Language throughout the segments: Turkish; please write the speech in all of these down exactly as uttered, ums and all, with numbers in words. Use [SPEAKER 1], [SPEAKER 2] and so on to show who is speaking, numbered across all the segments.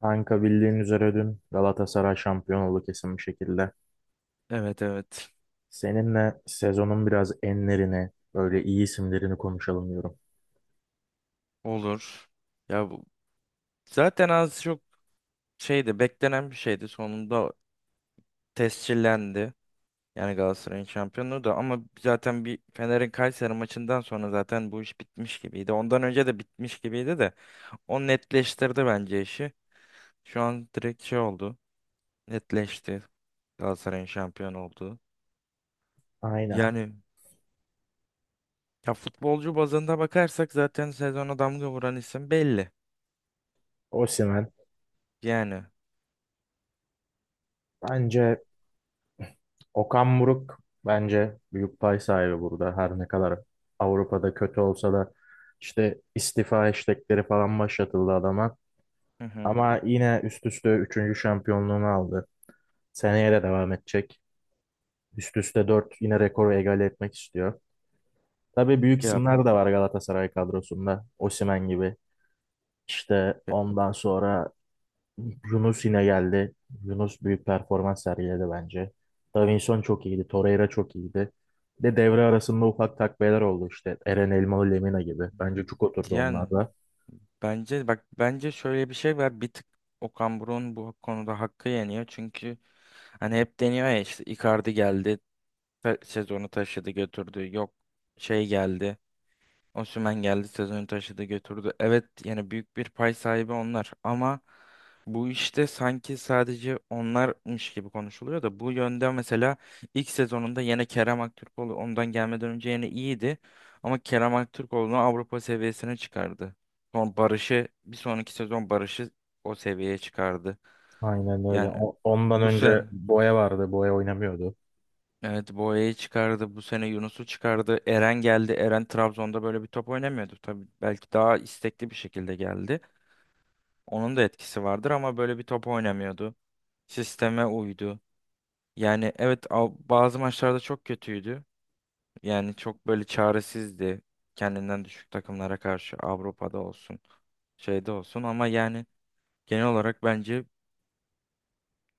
[SPEAKER 1] Kanka bildiğin üzere dün Galatasaray şampiyon oldu kesin bir şekilde.
[SPEAKER 2] Evet, evet.
[SPEAKER 1] Seninle sezonun biraz enlerini, böyle iyi isimlerini konuşalım diyorum.
[SPEAKER 2] Olur. Ya bu zaten az çok şeydi, beklenen bir şeydi. Sonunda tescillendi. Yani Galatasaray'ın şampiyonluğu da, ama zaten bir Fener'in Kayseri maçından sonra zaten bu iş bitmiş gibiydi. Ondan önce de bitmiş gibiydi de o netleştirdi bence işi. Şu an direkt şey oldu. Netleşti. Galatasaray'ın şampiyon olduğu.
[SPEAKER 1] Aynen.
[SPEAKER 2] Yani ya futbolcu bazında bakarsak zaten sezona damga vuran isim belli.
[SPEAKER 1] Osimhen.
[SPEAKER 2] Yani.
[SPEAKER 1] Bence Okan Buruk bence büyük pay sahibi burada. Her ne kadar Avrupa'da kötü olsa da işte istifa istekleri falan başlatıldı adama.
[SPEAKER 2] Hı hı.
[SPEAKER 1] Ama yine üst üste üçüncü şampiyonluğunu aldı. Seneye de devam edecek. Üst üste dört yine rekoru egale etmek istiyor. Tabii büyük
[SPEAKER 2] Ya
[SPEAKER 1] isimler de var Galatasaray kadrosunda. Osimhen gibi. İşte
[SPEAKER 2] e,
[SPEAKER 1] ondan sonra Yunus yine geldi. Yunus büyük performans sergiledi bence. Davinson çok iyiydi. Torreira çok iyiydi. Bir de devre arasında ufak takviyeler oldu işte. Eren Elmalı Lemina gibi. Bence çok oturdu
[SPEAKER 2] yani
[SPEAKER 1] onlar da.
[SPEAKER 2] bence bak, bence şöyle bir şey var. Bir tık Okan Buruk'un bu konuda hakkı yeniyor. Çünkü hani hep deniyor ya, işte Icardi geldi, ta- sezonu taşıdı, götürdü. Yok şey geldi. Osimhen geldi, sezonu taşıdı, götürdü. Evet, yani büyük bir pay sahibi onlar, ama bu işte sanki sadece onlarmış gibi konuşuluyor da bu yönde, mesela ilk sezonunda yine Kerem Aktürkoğlu ondan gelmeden önce yine iyiydi ama Kerem Aktürkoğlu'nu Avrupa seviyesine çıkardı. Son Barış'ı, bir sonraki sezon Barış'ı o seviyeye çıkardı.
[SPEAKER 1] Aynen öyle.
[SPEAKER 2] Yani
[SPEAKER 1] O- Ondan
[SPEAKER 2] bu sene
[SPEAKER 1] önce Boya vardı. Boya oynamıyordu.
[SPEAKER 2] evet, Boya'yı çıkardı. Bu sene Yunus'u çıkardı. Eren geldi. Eren Trabzon'da böyle bir top oynamıyordu. Tabii belki daha istekli bir şekilde geldi. Onun da etkisi vardır ama böyle bir top oynamıyordu. Sisteme uydu. Yani evet, al- bazı maçlarda çok kötüydü. Yani çok böyle çaresizdi. Kendinden düşük takımlara karşı Avrupa'da olsun, şeyde olsun, ama yani genel olarak bence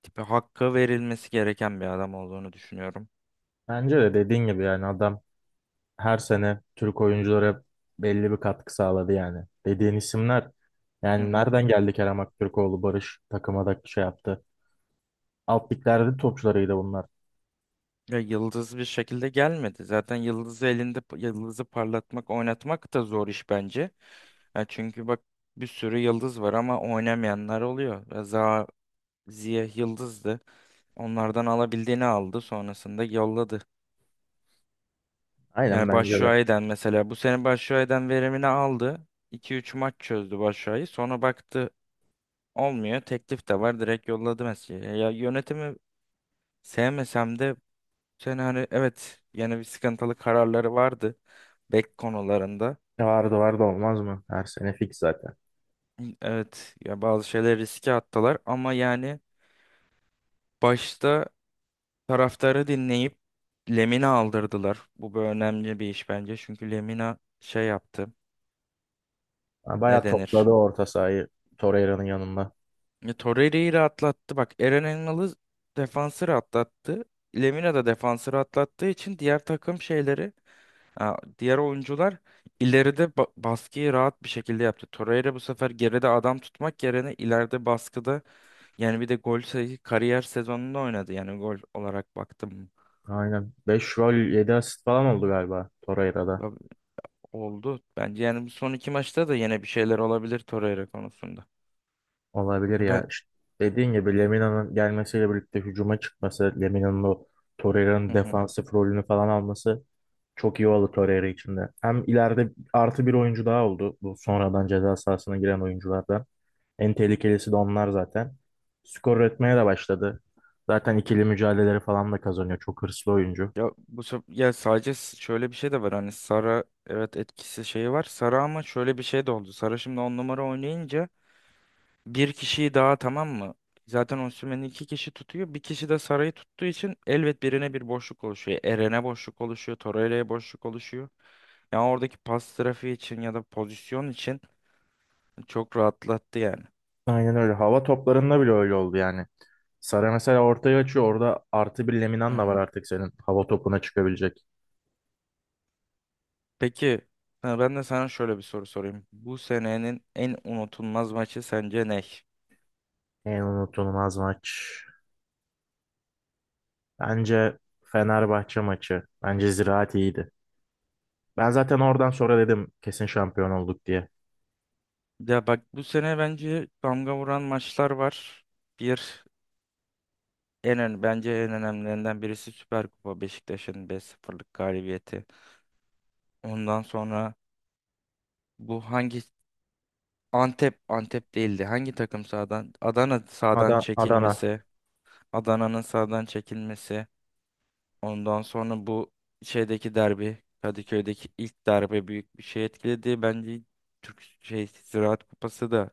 [SPEAKER 2] tipi, hakkı verilmesi gereken bir adam olduğunu düşünüyorum.
[SPEAKER 1] Bence de dediğin gibi yani adam her sene Türk oyunculara belli bir katkı sağladı yani. Dediğin isimler
[SPEAKER 2] Hı
[SPEAKER 1] yani
[SPEAKER 2] hı.
[SPEAKER 1] nereden geldi Kerem Aktürkoğlu, Barış takıma da şey yaptı. Alt liglerde de topçularıydı bunlar.
[SPEAKER 2] Ya yıldız bir şekilde gelmedi. Zaten yıldızı elinde yıldızı parlatmak, oynatmak da zor iş bence. Ya çünkü bak, bir sürü yıldız var ama oynamayanlar oluyor. Ya Za Ziya yıldızdı. Onlardan alabildiğini aldı, sonrasında yolladı.
[SPEAKER 1] Aynen
[SPEAKER 2] Yani
[SPEAKER 1] bence de.
[SPEAKER 2] Başşuay'dan, mesela bu sene Başşuay'dan verimini aldı. iki üç maç çözdü Başşuay'ı. Sonra baktı olmuyor. Teklif de var. Direkt yolladı mesela. Ya yönetimi sevmesem de yani hani evet, yine bir sıkıntılı kararları vardı bek konularında.
[SPEAKER 1] E Vardı vardı olmaz mı? Her sene fix zaten.
[SPEAKER 2] Evet ya, bazı şeyleri riske attılar ama yani başta taraftarı dinleyip Lemina aldırdılar. Bu bir önemli bir iş bence. Çünkü Lemina şey yaptı.
[SPEAKER 1] Ha,
[SPEAKER 2] Ne
[SPEAKER 1] bayağı topladı
[SPEAKER 2] denir?
[SPEAKER 1] orta sahayı Torreira'nın yanında.
[SPEAKER 2] Ya, Torreira'yı rahatlattı. Bak, Eren Engel'i, defansı rahatlattı. Lemina da defansı rahatlattığı için diğer takım şeyleri, ha, diğer oyuncular ileride ba- baskıyı rahat bir şekilde yaptı. Torreira bu sefer geride adam tutmak yerine ileride baskıda, yani bir de gol sayı kariyer sezonunda oynadı. Yani gol olarak baktım
[SPEAKER 1] Aynen. Beş gol yedi asist falan oldu galiba Torreira'da.
[SPEAKER 2] ba- oldu. Bence yani bu son iki maçta da yine bir şeyler olabilir Torreira konusunda.
[SPEAKER 1] Olabilir
[SPEAKER 2] E ben,
[SPEAKER 1] ya. İşte dediğin gibi Lemina'nın gelmesiyle birlikte hücuma çıkması, Lemina'nın o
[SPEAKER 2] hı
[SPEAKER 1] Torreira'nın
[SPEAKER 2] hı.
[SPEAKER 1] defansif rolünü falan alması çok iyi oldu Torreira için de. Hem ileride artı bir oyuncu daha oldu. Bu sonradan ceza sahasına giren oyunculardan. En tehlikelisi de onlar zaten. Skor üretmeye de başladı. Zaten ikili mücadeleleri falan da kazanıyor. Çok hırslı oyuncu.
[SPEAKER 2] Ya bu sef- ya sadece s- şöyle bir şey de var, hani Sara, evet, etkisi şeyi var. Sara ama şöyle bir şey de oldu. Sara şimdi on numara oynayınca bir kişiyi daha, tamam mı? Zaten Osimhen'i iki kişi tutuyor. Bir kişi de Saray'ı tuttuğu için elbet birine bir boşluk oluşuyor. Eren'e boşluk oluşuyor. Torreira'ya boşluk oluşuyor. Yani oradaki pas trafiği için ya da pozisyon için çok rahatlattı yani.
[SPEAKER 1] Aynen öyle. Hava toplarında bile öyle oldu yani. Sara mesela ortaya açıyor. Orada artı bir
[SPEAKER 2] Hı
[SPEAKER 1] Leminan da var
[SPEAKER 2] hı.
[SPEAKER 1] artık senin. Hava topuna çıkabilecek.
[SPEAKER 2] Peki, ha, ben de sana şöyle bir soru sorayım. Bu senenin en unutulmaz maçı sence ne?
[SPEAKER 1] En unutulmaz maç. Bence Fenerbahçe maçı. Bence Ziraat iyiydi. Ben zaten oradan sonra dedim kesin şampiyon olduk diye.
[SPEAKER 2] Ya bak, bu sene bence damga vuran maçlar var. Bir, en ön- bence en önemlilerinden birisi Süper Kupa Beşiktaş'ın beş sıfırlık galibiyeti. Ondan sonra bu hangi, Antep, Antep değildi. Hangi takım sağdan? Adana sağdan
[SPEAKER 1] Ada- Adana.
[SPEAKER 2] çekilmesi. Adana'nın sağdan çekilmesi. Ondan sonra bu şeydeki derbi, Kadıköy'deki ilk derbi büyük bir şey etkiledi. Bence Türk şey Ziraat Kupası da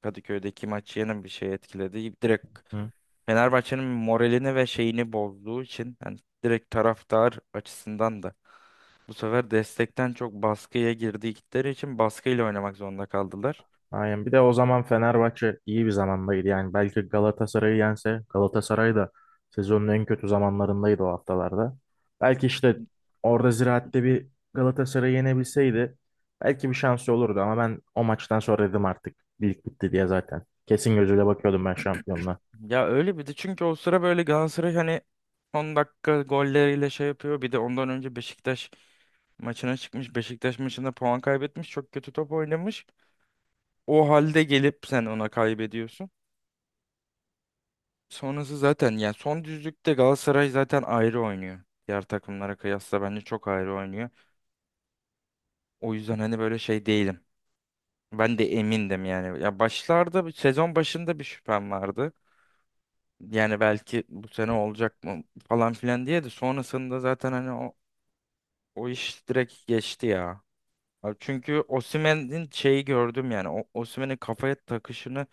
[SPEAKER 2] Kadıköy'deki maçı yine bir şey etkiledi. Direkt
[SPEAKER 1] Hı.
[SPEAKER 2] Fenerbahçe'nin moralini ve şeyini bozduğu için yani direkt taraftar açısından da bu sefer destekten çok baskıya girdikleri için baskıyla oynamak zorunda kaldılar.
[SPEAKER 1] Aynen. Bir de o zaman Fenerbahçe iyi bir zamandaydı. Yani belki Galatasaray'ı yense Galatasaray da sezonun en kötü zamanlarındaydı o haftalarda. Belki işte orada Ziraat'te bir Galatasaray'ı yenebilseydi belki bir şansı olurdu ama ben o maçtan sonra dedim artık lig bitti diye zaten. Kesin gözüyle bakıyordum ben şampiyonluğa.
[SPEAKER 2] Ya öyle, bir de çünkü o sıra böyle Galatasaray hani on dakika golleriyle şey yapıyor. Bir de ondan önce Beşiktaş maçına çıkmış. Beşiktaş maçında puan kaybetmiş. Çok kötü top oynamış. O halde gelip sen ona kaybediyorsun. Sonrası zaten yani son düzlükte Galatasaray zaten ayrı oynuyor. Diğer takımlara kıyasla bence çok ayrı oynuyor. O yüzden hani böyle şey değilim. Ben de emindim yani. Ya başlarda, sezon başında bir şüphem vardı. Yani belki bu sene olacak mı falan filan diye, de sonrasında zaten hani o, o iş direkt geçti ya. Abi çünkü Osimhen'in şeyi gördüm yani. O, Osimhen'in kafaya takışını,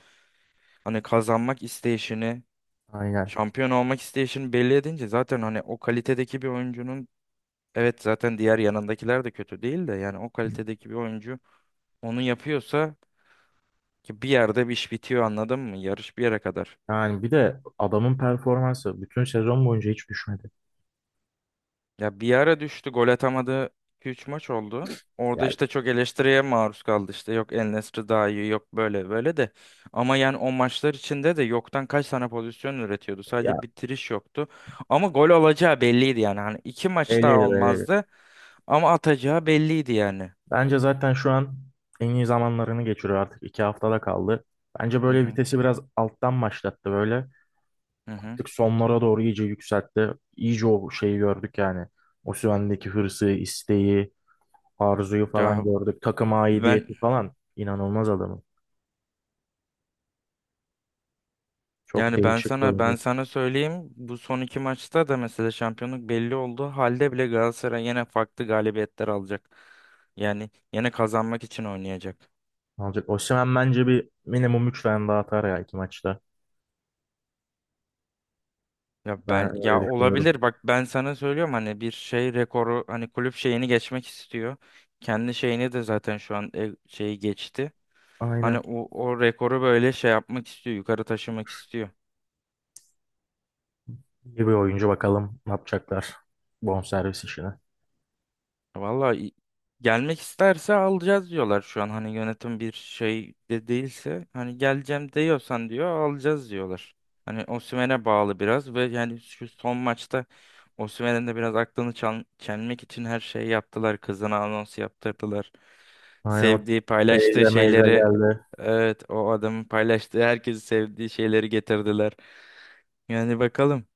[SPEAKER 2] hani kazanmak isteyişini,
[SPEAKER 1] Aynen.
[SPEAKER 2] şampiyon olmak isteyişini belli edince zaten hani o kalitedeki bir oyuncunun, evet zaten diğer yanındakiler de kötü değil de, yani o kalitedeki bir oyuncu onu yapıyorsa, ki bir yerde bir iş bitiyor, anladın mı? Yarış bir yere kadar.
[SPEAKER 1] Yani bir de adamın performansı bütün sezon boyunca hiç düşmedi.
[SPEAKER 2] Ya bir ara düştü, gol atamadı, iki üç maç oldu. Orada
[SPEAKER 1] Yani
[SPEAKER 2] işte çok eleştiriye maruz kaldı, işte yok El Nesri daha iyi, yok böyle böyle de. Ama yani o maçlar içinde de yoktan kaç tane pozisyon üretiyordu.
[SPEAKER 1] ya,
[SPEAKER 2] Sadece bitiriş yoktu. Ama gol olacağı belliydi yani. Hani iki maç daha
[SPEAKER 1] öyleydi öyleydi.
[SPEAKER 2] olmazdı ama atacağı belliydi yani.
[SPEAKER 1] Bence zaten şu an en iyi zamanlarını geçiriyor artık. İki haftada kaldı. Bence
[SPEAKER 2] Hı
[SPEAKER 1] böyle
[SPEAKER 2] hı
[SPEAKER 1] vitesi biraz alttan başlattı böyle.
[SPEAKER 2] hı hı.
[SPEAKER 1] Artık sonlara doğru iyice yükseltti. İyice o şeyi gördük yani. O Osimhen'deki hırsı, isteği, arzuyu falan
[SPEAKER 2] Ya
[SPEAKER 1] gördük. Takıma
[SPEAKER 2] ben,
[SPEAKER 1] aidiyeti falan. İnanılmaz adamı. Çok
[SPEAKER 2] yani ben
[SPEAKER 1] değişik bir
[SPEAKER 2] sana ben
[SPEAKER 1] oyuncu.
[SPEAKER 2] sana söyleyeyim, bu son iki maçta da mesela şampiyonluk belli oldu halde bile Galatasaray yine farklı galibiyetler alacak. Yani yine kazanmak için oynayacak.
[SPEAKER 1] Alacak. Osimhen bence bir minimum üç tane daha atar ya iki maçta.
[SPEAKER 2] Ya
[SPEAKER 1] Ben
[SPEAKER 2] ben,
[SPEAKER 1] öyle
[SPEAKER 2] ya
[SPEAKER 1] düşünüyorum.
[SPEAKER 2] olabilir, bak ben sana söylüyorum, hani bir şey rekoru, hani kulüp şeyini geçmek istiyor. Kendi şeyini de zaten şu an e- şeyi geçti. Hani
[SPEAKER 1] Aynen.
[SPEAKER 2] o, o rekoru böyle şey yapmak istiyor, yukarı taşımak istiyor.
[SPEAKER 1] İyi bir oyuncu, bakalım ne yapacaklar. Bonservis işine.
[SPEAKER 2] Valla i- gelmek isterse alacağız diyorlar şu an. Hani yönetim bir şey de değilse, hani geleceğim diyorsan diyor, alacağız diyorlar. Hani Osimhen'e bağlı biraz, ve yani şu son maçta Osimhen'in de biraz aklını çel- çelmek için her şeyi yaptılar. Kızına anons yaptırdılar.
[SPEAKER 1] Aynen o
[SPEAKER 2] Sevdiği, paylaştığı
[SPEAKER 1] teyze meyze
[SPEAKER 2] şeyleri,
[SPEAKER 1] geldi.
[SPEAKER 2] evet o adamın paylaştığı herkesi, sevdiği şeyleri getirdiler. Yani bakalım.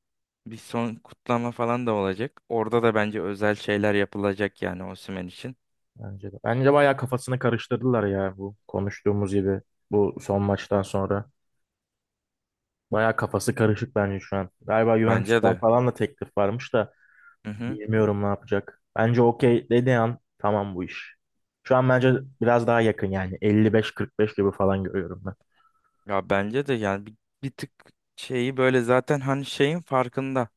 [SPEAKER 2] Bir son kutlama falan da olacak. Orada da bence özel şeyler yapılacak yani Osimhen için.
[SPEAKER 1] Bence de. Bence bayağı kafasını karıştırdılar ya bu konuştuğumuz gibi bu son maçtan sonra. Bayağı kafası karışık bence şu an. Galiba
[SPEAKER 2] Bence
[SPEAKER 1] Juventus'tan
[SPEAKER 2] de.
[SPEAKER 1] falan da teklif varmış da
[SPEAKER 2] Hı hı.
[SPEAKER 1] bilmiyorum ne yapacak. Bence okey dediği an tamam bu iş. Şu an bence biraz daha yakın yani elli beş kırk beş gibi falan görüyorum ben.
[SPEAKER 2] Ya bence de yani bir, bir tık şeyi böyle zaten hani şeyin farkında.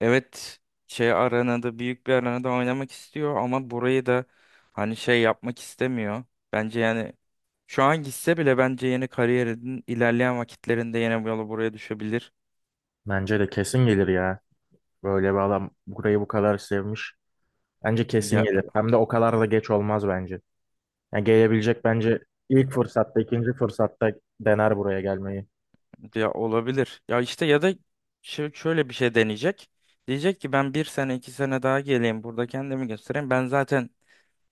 [SPEAKER 2] Evet, şey arenada, büyük bir arenada oynamak istiyor ama burayı da hani şey yapmak istemiyor. Bence yani şu an gitse bile bence yeni kariyerinin ilerleyen vakitlerinde yine bu yola, buraya düşebilir.
[SPEAKER 1] Bence de kesin gelir ya. Böyle bir adam burayı bu kadar sevmiş. Bence kesin
[SPEAKER 2] Ya,
[SPEAKER 1] gelir. Hem de o kadar da geç olmaz bence. Yani gelebilecek bence ilk fırsatta, ikinci fırsatta dener buraya gelmeyi.
[SPEAKER 2] ya olabilir. Ya işte ya da şö- şöyle bir şey deneyecek. Diyecek ki ben bir sene iki sene daha geleyim burada, kendimi göstereyim. Ben zaten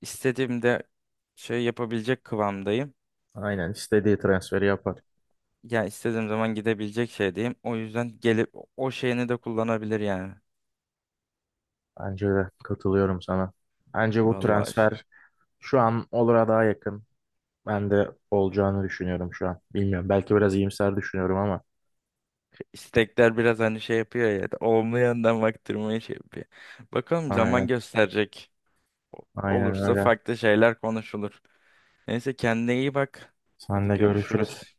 [SPEAKER 2] istediğimde şey yapabilecek kıvamdayım.
[SPEAKER 1] Aynen istediği transferi yapar.
[SPEAKER 2] Ya istediğim zaman gidebilecek şeydeyim. O yüzden gelip o şeyini de kullanabilir yani.
[SPEAKER 1] Bence de katılıyorum sana. Bence bu
[SPEAKER 2] Vallahi
[SPEAKER 1] transfer şu an olura daha yakın. Ben de olacağını düşünüyorum şu an. Bilmiyorum. Belki biraz iyimser düşünüyorum ama.
[SPEAKER 2] istekler biraz hani şey yapıyor ya. Olumlu yandan baktırmayı şey yapıyor. Bakalım, zaman
[SPEAKER 1] Aynen.
[SPEAKER 2] gösterecek. O-
[SPEAKER 1] Aynen
[SPEAKER 2] Olursa
[SPEAKER 1] öyle.
[SPEAKER 2] farklı şeyler konuşulur. Neyse, kendine iyi bak.
[SPEAKER 1] Sen
[SPEAKER 2] Hadi
[SPEAKER 1] de görüşürüz.
[SPEAKER 2] görüşürüz.